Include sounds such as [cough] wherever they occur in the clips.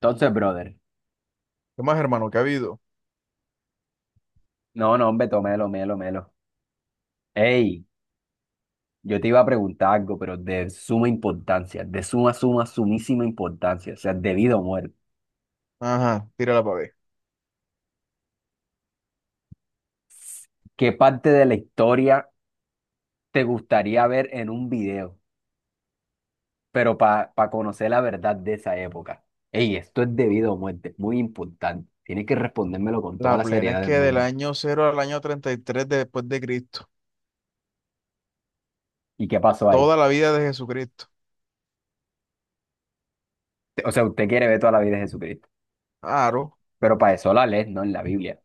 Entonces, brother, ¿Qué más, hermano? ¿Qué ha habido? no, no, hombre, to- melo, melo, melo. Ey, yo te iba a preguntar algo, pero de suma importancia, de suma, suma, sumísima importancia, o sea, debido a muerte. Ajá, tírala para ver. ¿Qué parte de la historia te gustaría ver en un video? Pero para conocer la verdad de esa época. Ey, esto es debido a muerte, muy importante. Tienes que respondérmelo con toda La la plena es seriedad que del del mundo. año cero al año 33 después de Cristo. ¿Y qué pasó ahí? Toda la vida de Jesucristo. O sea, usted quiere ver toda la vida de Jesucristo, Claro. pero para eso la lees, no en la Biblia.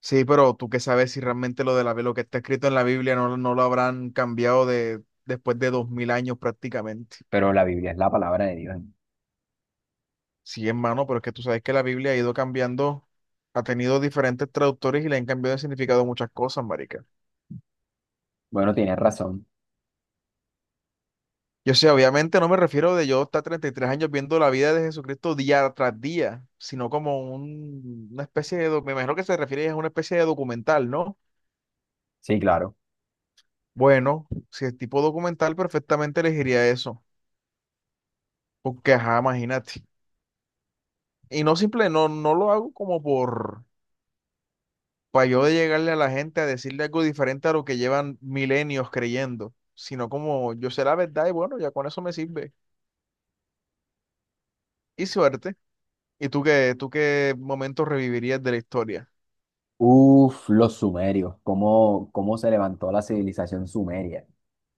Sí, pero tú qué sabes si realmente lo que está escrito en la Biblia no, no lo habrán cambiado después de 2000 años prácticamente. Pero la Biblia es la palabra de Dios. Sí, hermano, pero es que tú sabes que la Biblia ha ido cambiando, ha tenido diferentes traductores y le han cambiado el significado de muchas cosas, marica. Bueno, tienes razón. Yo sé, obviamente no me refiero de yo estar 33 años viendo la vida de Jesucristo día tras día, sino como una especie me imagino que se refiere a una especie de documental, ¿no? Sí, claro. Bueno, si es tipo documental, perfectamente elegiría eso, porque ajá, imagínate. Y no simple, no, no lo hago para yo de llegarle a la gente a decirle algo diferente a lo que llevan milenios creyendo, sino como yo sé la verdad y bueno, ya con eso me sirve. Y suerte. ¿Y tú qué momento revivirías de la historia? Uf, los sumerios, cómo, cómo se levantó la civilización sumeria.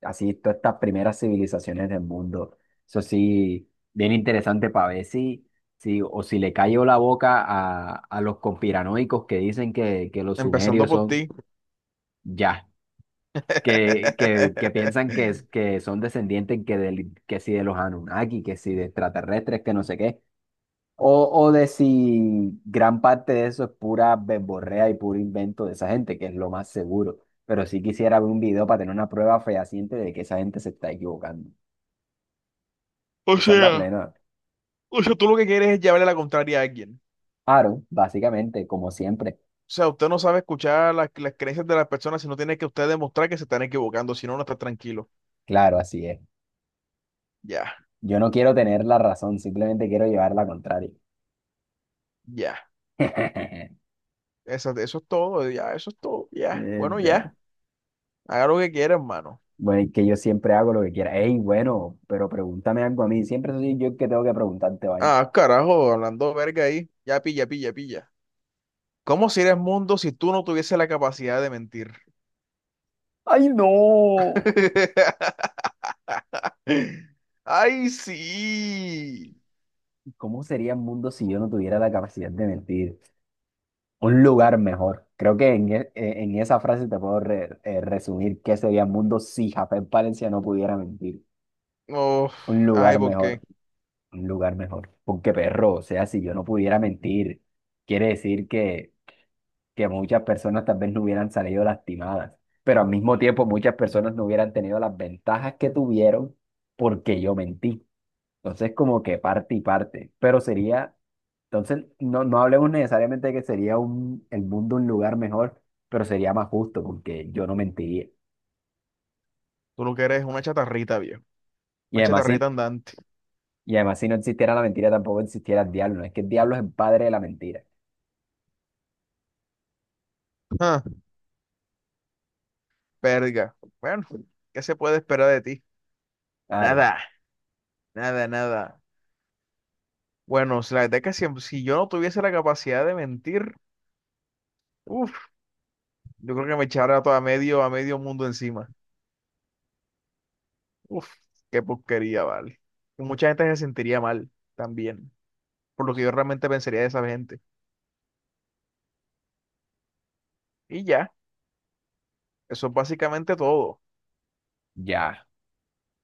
Así, todas estas primeras civilizaciones del mundo. Eso sí, bien interesante para ver si, si, o si le cayó la boca a los conspiranoicos que dicen que los Empezando sumerios por son ti. ya, que piensan [laughs] que que son descendientes que, del- que si de los Anunnaki, que si de extraterrestres, que no sé qué. O, o de si gran parte de eso es pura verborrea y puro invento de esa gente, que es lo más seguro. Pero sí quisiera ver un video para tener una prueba fehaciente de que esa gente se está equivocando. O Esa es la sea, plena. o sea, tú lo que quieres es llevarle la contraria a alguien. Aaron, básicamente, como siempre. O sea, usted no sabe escuchar las creencias de las personas, sino tiene que usted demostrar que se están equivocando, si no, no está tranquilo. Claro, así es. Ya, Yo no quiero tener la razón, simplemente quiero llevar la contraria. ya. [laughs] Eso es todo, ya, eso es todo, ya. Bueno, Verdad. ya. Haga lo que quiera, hermano. Bueno, y que yo siempre hago lo que quiera. Ey, bueno, pero pregúntame algo a mí. Siempre soy yo el que tengo que preguntarte, vaina. Ah, carajo, hablando verga ahí. Ya pilla, pilla, pilla. ¿Cómo sería el mundo si tú no tuvieses la capacidad de mentir? ¡Ay, no! [laughs] Ay, sí. ¿Cómo sería el mundo si yo no tuviera la capacidad de mentir? Un lugar mejor. Creo que en esa frase te puedo resumir qué sería el mundo si Jafet Palencia no pudiera mentir. Oh, Un ay, lugar ¿por qué? mejor, un lugar mejor. Porque perro, o sea, si yo no pudiera mentir, quiere decir que muchas personas tal vez no hubieran salido lastimadas, pero al mismo tiempo muchas personas no hubieran tenido las ventajas que tuvieron porque yo mentí. Entonces, como que parte y parte, pero sería. Entonces, no, no hablemos necesariamente de que sería un, el mundo un lugar mejor, pero sería más justo porque yo no mentiría. Tú lo que eres es una chatarrita, viejo. Y Una además, chatarrita si, andante. y además, si no existiera la mentira, tampoco existiera el diablo, ¿no? Es que el diablo es el padre de la mentira. Ah, verga. Bueno, ¿qué se puede esperar de ti? Claro, Nada, nada, nada. Bueno, si la verdad es que si yo no tuviese la capacidad de mentir, uff, yo creo que me echara todo a medio mundo encima. Uff, qué porquería, vale. Y mucha gente se sentiría mal también, por lo que yo realmente pensaría de esa gente. Y ya, eso es básicamente todo. ya.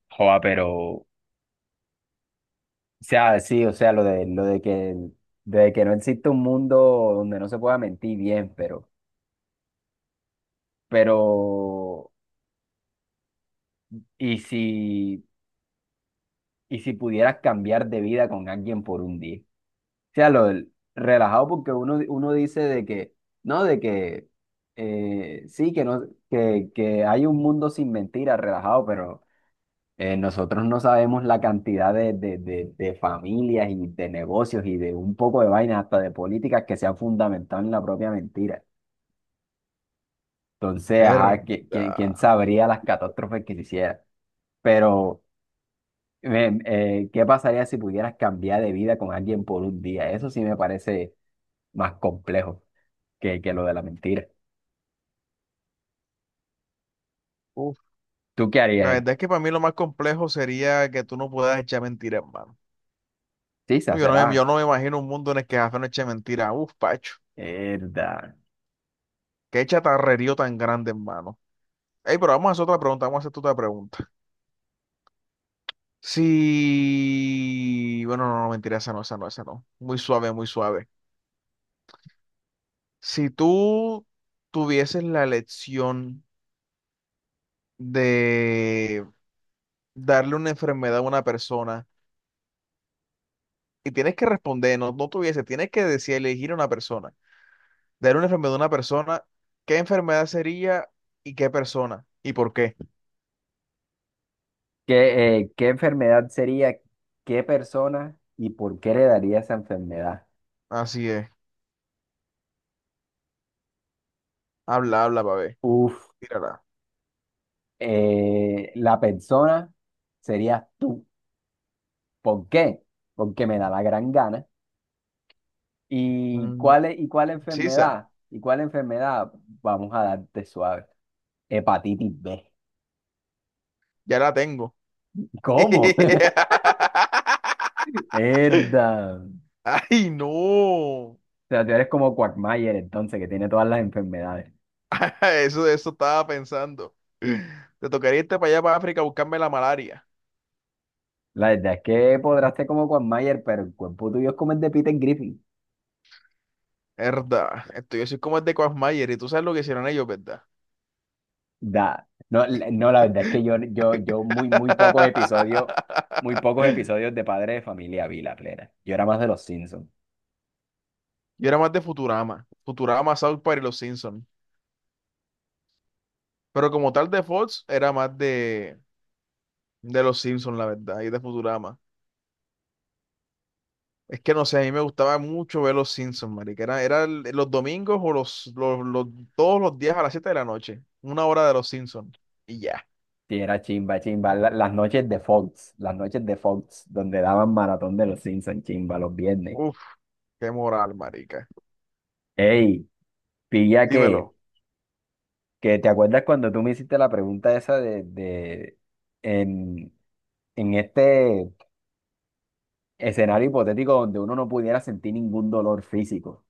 Joa, pero, o sea, sí, o sea, lo de que, de que no existe un mundo donde no se pueda mentir bien, pero, ¿y si, y si pudieras cambiar de vida con alguien por un día? O sea, lo del relajado porque uno, uno dice de que, no, de que sí, que, no, que hay un mundo sin mentiras, relajado, pero nosotros no sabemos la cantidad de familias y de negocios y de un poco de vainas, hasta de políticas que se han fundamentado en la propia mentira. Entonces, ajá, ¿quién Verdad. sabría las catástrofes que se hicieran? Pero, ¿qué pasaría si pudieras cambiar de vida con alguien por un día? Eso sí me parece más complejo. Que lo de la mentira. Uf, ¿Tú qué la harías, verdad es que para mí lo más complejo sería que tú no puedas echar mentiras, mano. Sí, se Uy, yo no, será. Yo no me imagino un mundo en el que Jafé no eche mentira. Uf, Pacho, Verdad. qué chatarrerío tan grande, hermano. Ey, pero vamos a hacer otra pregunta, vamos a hacer tu otra pregunta. Si, bueno, no, no, mentira, esa no, esa no, esa no. Muy suave, muy suave. Si tú tuvieses la elección de darle una enfermedad a una persona y tienes que responder, no, no tuviese, tienes que decir, elegir a una persona, darle una enfermedad a una persona, ¿qué enfermedad sería y qué persona y por qué? ¿Qué, qué enfermedad sería? ¿Qué persona y por qué heredaría esa enfermedad? Así es. Habla, habla, pa' ver. Uf, Tírala. La persona serías tú. ¿Por qué? Porque me da la gran gana. ¿Y Mm, cuál, y cuál sisa, enfermedad? ¿Y cuál enfermedad? Vamos a darte suave. Hepatitis B. ya la tengo. ¿Cómo? [laughs] [laughs] Herda. O ¡Ay, no! sea, tú eres como Quagmire entonces, que tiene todas las enfermedades. [laughs] Eso estaba pensando. Te tocaría irte para allá, para África, a buscarme la malaria. La verdad es que podrás ser como Juan Mayer, pero el cuerpo tuyo es como el de Peter Griffin. Verdad. Esto yo soy como el de Quagmire y tú sabes lo que hicieron ellos, ¿verdad? Da. No, la- no, la verdad es que yo muy, muy pocos [laughs] episodios de Padre de Familia vi la plena. Yo era más de los Simpsons. Yo era más de Futurama. Futurama, South Park y Los Simpsons. Pero como tal de Fox, era más de Los Simpsons, la verdad, y de Futurama. Es que no sé, a mí me gustaba mucho ver los Simpsons, marica. Era los domingos o los- todos los días a las 7 de la noche. Una hora de los Simpsons. Y ya. Sí, era chimba, chimba. La- las noches de Fox, las noches de Fox, donde daban maratón de los Simpsons, chimba, los viernes. Uf, qué moral, marica. Ey, pilla que, Dímelo. que te acuerdas cuando tú me hiciste la pregunta esa de en, en este. Escenario hipotético donde uno no pudiera sentir ningún dolor físico.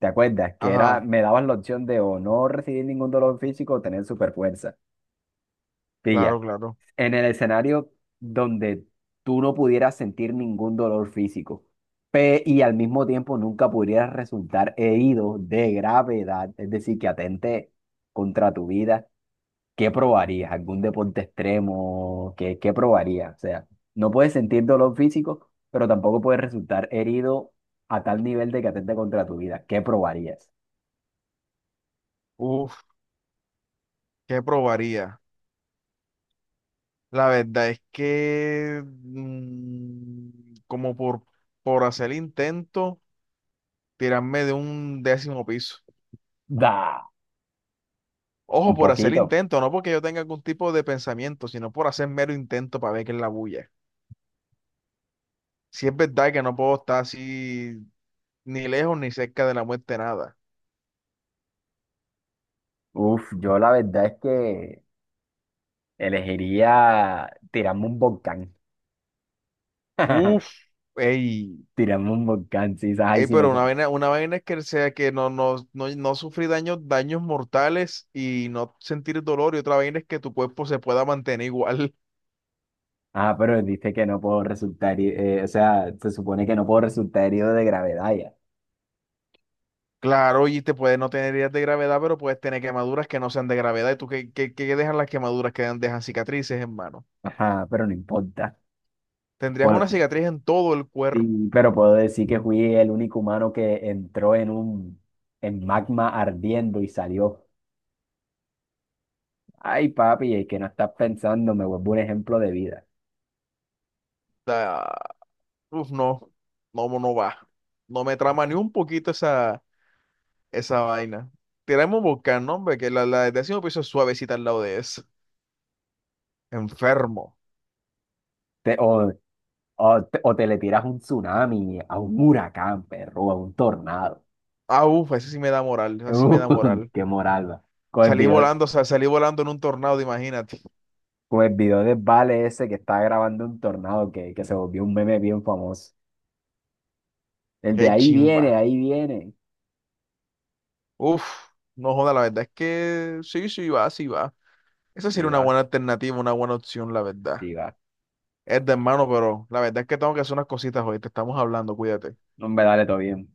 ¿Te acuerdas? Que era, Ajá, me daban la opción de o no recibir ningún dolor físico o tener superfuerza. claro, Pilla, claro. en el escenario donde tú no pudieras sentir ningún dolor físico y al mismo tiempo nunca pudieras resultar herido de gravedad, es decir, que atente contra tu vida, ¿qué probarías? ¿Algún deporte extremo? ¿Qué, qué probarías? O sea, no puedes sentir dolor físico, pero tampoco puedes resultar herido a tal nivel de que atente contra tu vida. ¿Qué probarías? Uf, ¿qué probaría? La verdad es que como por hacer el intento, tirarme de un décimo piso. Da, Ojo, un por hacer el poquito. intento, no porque yo tenga algún tipo de pensamiento, sino por hacer mero intento para ver qué es la bulla. Si es verdad que no puedo estar así ni lejos ni cerca de la muerte, nada. Uf, yo la verdad es que elegiría tirarme un volcán. Uf, [laughs] ey, Tirarme un volcán, sí, ay, ey, si no pero puedo. Una vaina es que sea que no, no, no, no sufrí daños, daños mortales y no sentir dolor, y otra vaina es que tu cuerpo se pueda mantener igual. [laughs] Ah, pero dice que no puedo resultar, o sea, se supone que no puedo resultar herido de gravedad ya. Claro, y te puede no tener heridas de gravedad, pero puedes tener quemaduras que no sean de gravedad. ¿Y tú qué dejan las quemaduras que dejan cicatrices, hermano? Ajá, pero no importa. Tendrías Pues, una cicatriz en todo el cuerpo. sí, pero puedo decir que fui el único humano que entró en un en magma ardiendo y salió. Ay, papi, es que no estás pensando, me vuelvo un ejemplo de vida. Ah, uf, no, no, no va. No me trama ni un poquito esa. Esa vaina. Tiramos Volcán, ¿no? Hombre, que la del décimo piso es suavecita al lado de eso. Enfermo. Te- o, o te le tiras un tsunami, a un huracán, perro, a un tornado. [laughs] Ah, uff, esa sí me da moral, esa sí me da moral. qué moral, va. Con el Salí video, volando, o sea, salí volando en un tornado, imagínate. con el video de Vale ese que está grabando un tornado que se volvió un meme bien famoso. El de Qué ahí viene, chimba. ahí viene. Uf, no joda, la verdad es que sí, sí va, sí va. Esa Sí, sería una va, buena alternativa, una buena opción, la verdad. sí, va. Es de hermano, pero la verdad es que tengo que hacer unas cositas hoy, te estamos hablando, cuídate. No, hombre, dale, todo bien.